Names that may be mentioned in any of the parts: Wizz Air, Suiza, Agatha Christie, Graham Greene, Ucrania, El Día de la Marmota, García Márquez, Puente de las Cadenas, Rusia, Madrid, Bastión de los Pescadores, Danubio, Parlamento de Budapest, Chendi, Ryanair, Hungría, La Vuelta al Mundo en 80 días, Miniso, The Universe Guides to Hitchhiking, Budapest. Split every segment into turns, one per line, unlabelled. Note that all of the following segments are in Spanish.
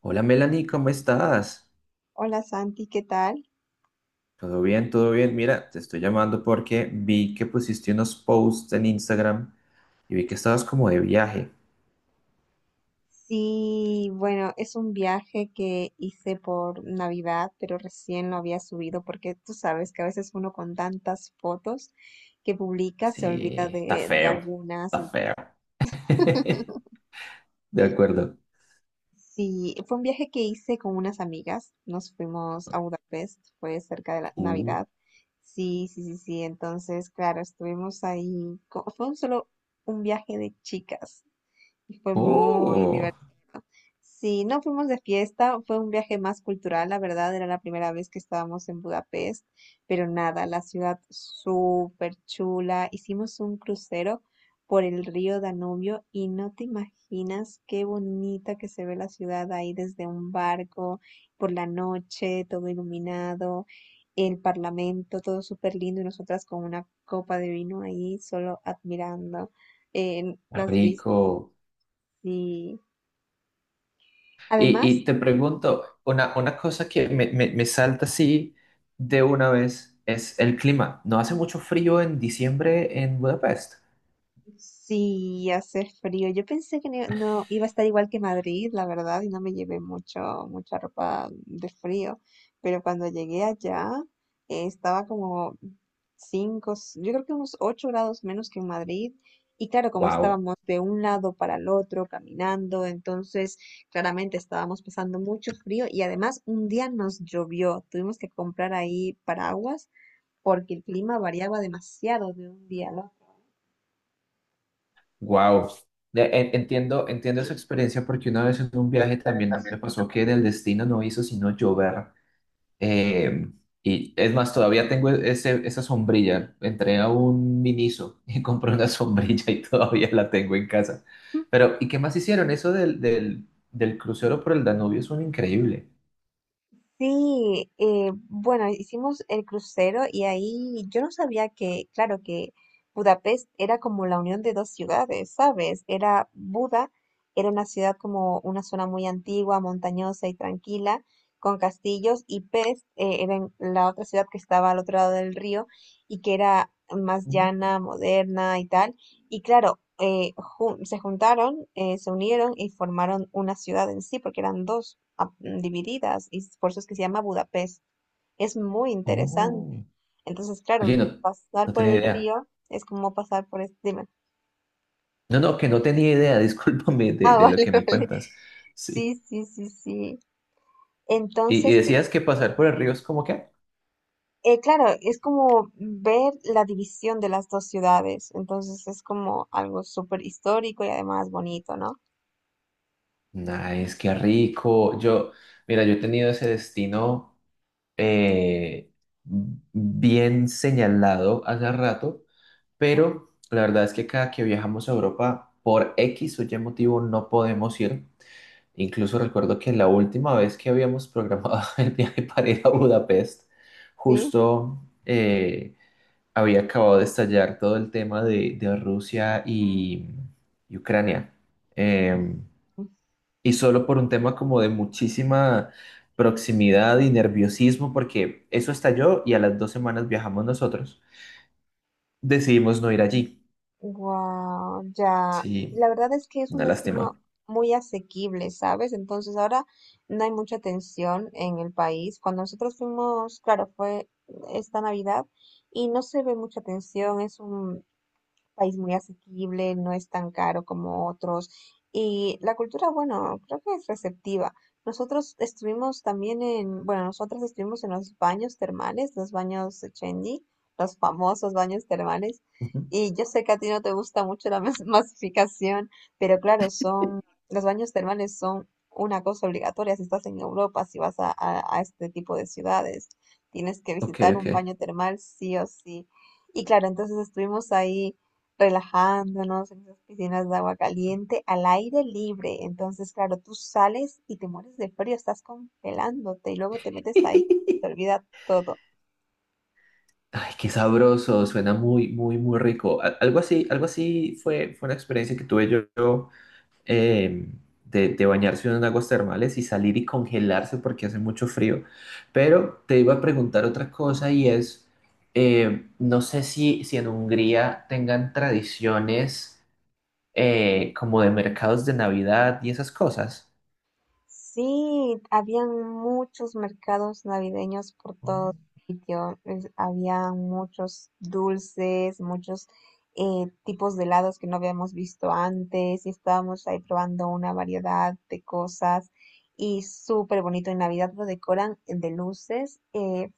Hola Melanie, ¿cómo estás?
Hola Santi, ¿qué tal?
Todo bien, todo bien. Mira, te estoy llamando porque vi que pusiste unos posts en Instagram y vi que estabas como de viaje.
Sí, bueno, es un viaje que hice por Navidad, pero recién lo había subido porque tú sabes que a veces uno con tantas fotos que publica se olvida
Sí, está
de
feo,
algunas.
está feo. De acuerdo.
Sí, fue un viaje que hice con unas amigas, nos fuimos a Budapest, fue cerca de la
Uh,
Navidad. Sí, sí, sí, sí, entonces, claro, estuvimos ahí, fue un solo un viaje de chicas. Y fue muy
oh,
divertido. Sí, no fuimos de fiesta, fue un viaje más cultural, la verdad, era la primera vez que estábamos en Budapest, pero nada, la ciudad súper chula. Hicimos un crucero por el río Danubio y no te imaginas qué bonita que se ve la ciudad ahí desde un barco, por la noche, todo iluminado, el parlamento, todo súper lindo y nosotras con una copa de vino ahí, solo admirando las vistas.
rico.
Sí.
Y,
Además,
y te pregunto, una cosa que me salta así de una vez es el clima. ¿No hace mucho frío en diciembre en Budapest?
sí hace frío. Yo pensé que no, no iba a estar igual que Madrid, la verdad, y no me llevé mucha ropa de frío. Pero cuando llegué allá, estaba como yo creo que unos 8 grados menos que en Madrid. Y claro, como
Wow.
estábamos de un lado para el otro caminando, entonces claramente estábamos pasando mucho frío y además un día nos llovió. Tuvimos que comprar ahí paraguas porque el clima variaba demasiado de un día al
Wow. Entiendo, entiendo esa experiencia porque una vez en un viaje también me
también.
pasó que el destino no hizo sino llover. Eh, y es más, todavía tengo esa sombrilla. Entré a un Miniso y compré una sombrilla y todavía la tengo en casa. Pero, ¿y qué más hicieron? Eso del crucero por el Danubio es un increíble.
Sí, bueno, hicimos el crucero y ahí yo no sabía que, claro, que Budapest era como la unión de dos ciudades, ¿sabes? Era Buda, era una ciudad como una zona muy antigua, montañosa y tranquila, con castillos, y Pest, era en la otra ciudad que estaba al otro lado del río y que era más
Ujú.
llana, moderna y tal. Y claro, se juntaron, se unieron y formaron una ciudad en sí, porque eran dos divididas, y por eso es que se llama Budapest. Es muy interesante.
Oh,
Entonces, claro,
oye, no,
pasar
no
por
tenía
el
idea.
río es como pasar por este... dime.
No, no, que no tenía idea, discúlpame
Ah,
de lo
vale,
que me
vale.
cuentas. Sí.
Sí, sí, sí, sí.
Y
Entonces,
decías que pasar por el río es como que.
claro, es como ver la división de las dos ciudades. Entonces, es como algo súper histórico y además bonito, ¿no?
Nice, qué rico. Yo, mira, yo he tenido ese destino eh, bien señalado hace rato, pero la verdad es que cada que viajamos a Europa, por X o Y motivo, no podemos ir. Incluso recuerdo que la última vez que habíamos programado el viaje para ir a Budapest,
Sí.
justo había acabado de estallar todo el tema de Rusia y Ucrania. Em, y solo por un tema como de muchísima proximidad y nerviosismo, porque eso estalló y a las dos semanas viajamos nosotros. Decidimos no ir allí.
Wow, ya.
Sí,
La verdad es que es
una
un destino
lástima.
muy asequible, ¿sabes? Entonces ahora no hay mucha tensión en el país. Cuando nosotros fuimos, claro, fue esta Navidad y no se ve mucha tensión, es un país muy asequible, no es tan caro como otros. Y la cultura, bueno, creo que es receptiva. Nosotros estuvimos también en, bueno, nosotras estuvimos en los baños termales, los baños de Chendi, los famosos baños termales.
Ujú.
Y yo sé que a ti no te gusta mucho la masificación, pero claro, son, los baños termales son una cosa obligatoria si estás en Europa, si vas a, a este tipo de ciudades. Tienes que
Ok,
visitar
ok.
un baño termal sí o sí. Y claro, entonces estuvimos ahí relajándonos en esas piscinas de agua caliente, al aire libre. Entonces, claro, tú sales y te mueres de frío, estás congelándote y luego te metes ahí, te olvida todo.
Ay, qué sabroso, suena muy, muy, muy rico. Al- algo así fue, fue una experiencia que tuve yo eh, de bañarse en aguas termales y salir y congelarse porque hace mucho frío. Pero te iba a preguntar otra cosa y es, no sé si en Hungría tengan tradiciones como de mercados de Navidad y esas cosas.
Sí, habían muchos mercados navideños por
Oh,
todo sitio, había muchos dulces, muchos tipos de helados que no habíamos visto antes y estábamos ahí probando una variedad de cosas y súper bonito. En Navidad lo decoran de luces,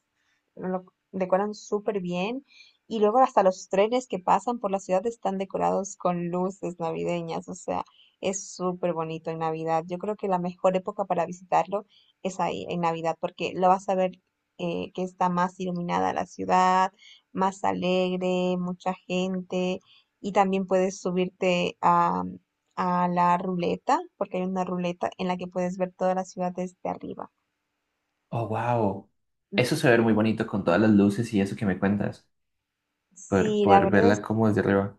lo decoran súper bien. Y luego hasta los trenes que pasan por la ciudad están decorados con luces navideñas. O sea, es súper bonito en Navidad. Yo creo que la mejor época para visitarlo es ahí, en Navidad, porque lo vas a ver que está más iluminada la ciudad, más alegre, mucha gente. Y también puedes subirte a la ruleta, porque hay una ruleta en la que puedes ver toda la ciudad desde arriba.
wow.
Ujú.
Eso se ve muy bonito con todas las luces y eso que me cuentas. Poder,
Sí, la
poder
verdad.
verla como desde arriba.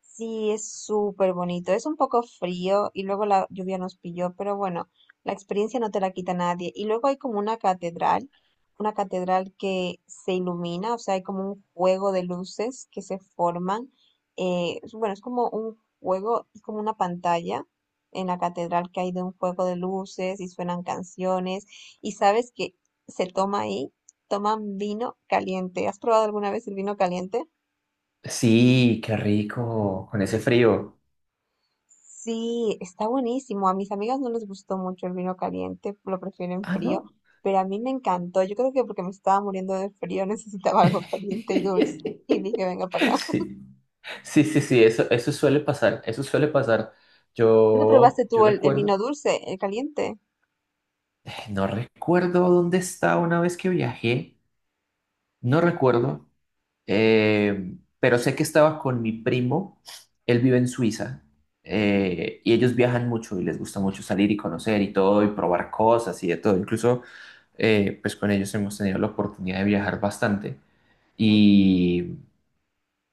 Sí, es súper bonito. Es un poco frío y luego la lluvia nos pilló, pero bueno, la experiencia no te la quita nadie. Y luego hay como una catedral que se ilumina, o sea, hay como un juego de luces que se forman. Bueno, es como un juego, es como una pantalla en la catedral que hay de un juego de luces y suenan canciones. Y sabes que se toma ahí, toman vino caliente. ¿Has probado alguna vez el vino caliente?
Sí, qué rico, con ese frío.
Sí, está buenísimo. A mis amigas no les gustó mucho el vino caliente, lo prefieren
Ah,
frío,
no.
pero a mí me encantó. Yo creo que porque me estaba muriendo de frío necesitaba algo caliente y dulce. Y dije, venga para acá.
Sí. Sí, sí, sí, eso suele pasar, eso suele pasar.
¿Dónde
Yo,
probaste
yo
tú el vino
recuerdo,
dulce, el caliente?
no recuerdo dónde estaba una vez que viajé, no recuerdo, pero sé que estaba con mi primo, él vive en Suiza, y ellos viajan mucho y les gusta mucho salir y conocer y todo y probar cosas y de todo. Incluso, pues con ellos hemos tenido la oportunidad de viajar bastante.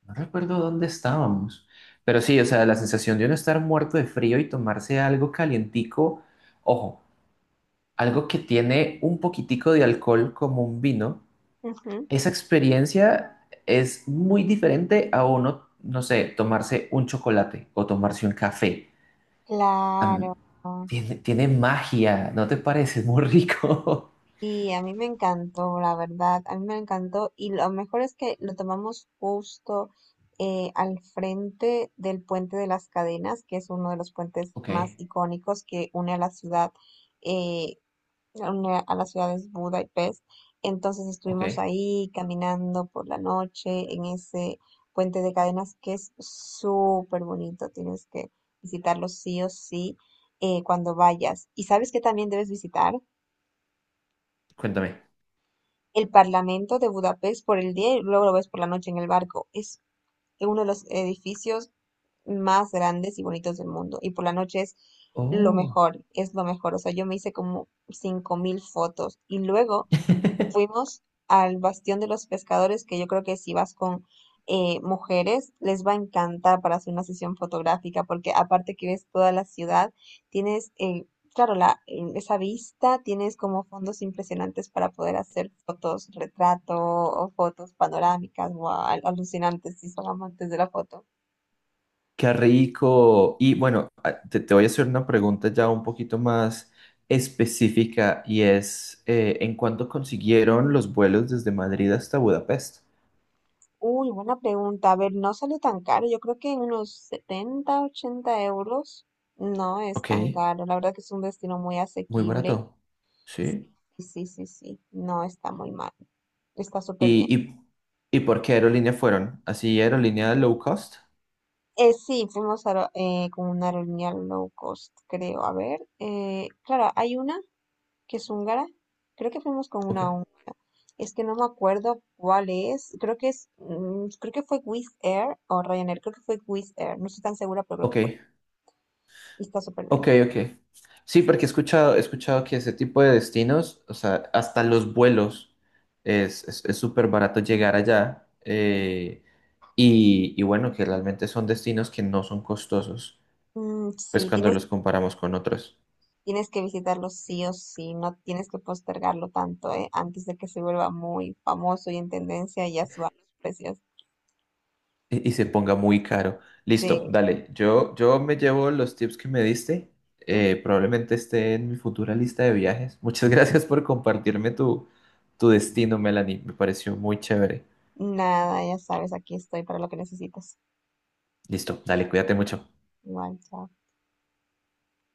No recuerdo dónde estábamos, pero sí, o sea, la sensación de uno estar muerto de frío y tomarse algo calientico, ojo, algo que tiene un poquitico de alcohol como un vino,
Ujú.
esa experiencia es muy diferente a uno, no sé, tomarse un chocolate o tomarse un café. Am,
Claro.
Tiene, tiene magia, ¿no te parece? Es muy rico.
Y a mí me encantó, la verdad, a mí me encantó. Y lo mejor es que lo tomamos justo al frente del Puente de las Cadenas, que es uno de los puentes más
Ok,
icónicos que une a la ciudad, eh, une a las ciudades Budapest. Entonces
ok,
estuvimos ahí caminando por la noche en ese Puente de Cadenas que es súper bonito. Tienes que visitarlo sí o sí cuando vayas. ¿Y sabes qué también debes visitar?
cuéntame.
El Parlamento de Budapest por el día y luego lo ves por la noche en el barco. Es uno de los edificios más grandes y bonitos del mundo. Y por la noche es lo
Oh.
mejor, es lo mejor. O sea, yo me hice como 5.000 fotos. Y luego fuimos al Bastión de los Pescadores, que yo creo que si vas con mujeres, les va a encantar para hacer una sesión fotográfica, porque aparte que ves toda la ciudad, tienes, claro, esa vista, tienes como fondos impresionantes para poder hacer fotos, retrato o fotos panorámicas, guau, alucinantes si son amantes de la foto.
Qué rico. Y bueno, a- te voy a hacer una pregunta ya un poquito más específica y es, ¿en cuánto consiguieron los vuelos desde Madrid hasta Budapest?
Uy, buena pregunta. A ver, no salió tan caro. Yo creo que en unos 70 u 80 euros no es tan
Ok,
caro. La verdad que es un destino muy
muy
asequible.
barato. Sí.
Sí, sí, sí, sí, no está muy mal, está súper bien.
¿Y, y, y por qué aerolínea fueron? ¿Así aerolínea low cost?
Sí, fuimos a, con una aerolínea low cost, creo. A ver, claro, hay una que es húngara, creo que fuimos con
Ok,
una húngara, es que no me acuerdo cuál es, creo que es, creo que fue Wizz Air o Ryanair, creo que fue Wizz Air, no estoy tan segura, pero creo
ok,
que fue, y está súper bien.
ok, ok. Sí, porque he escuchado que ese tipo de destinos, o sea, hasta los vuelos, es súper barato llegar allá. Y bueno, que realmente son destinos que no son costosos,
Mm,
pues
sí,
cuando
tienes
los comparamos con otros
Tienes que visitarlo sí o sí, no tienes que postergarlo tanto, ¿eh? Antes de que se vuelva muy famoso y en tendencia y ya suba los precios.
y se ponga muy caro. Listo,
Sí.
dale, yo me llevo los tips que me diste,
Ujú.
probablemente esté en mi futura lista de viajes. Muchas gracias por compartirme tu, tu destino, Melanie, me pareció muy chévere.
Nada, ya sabes, aquí estoy para lo que necesites.
Listo, dale, cuídate mucho.
Igual, chao.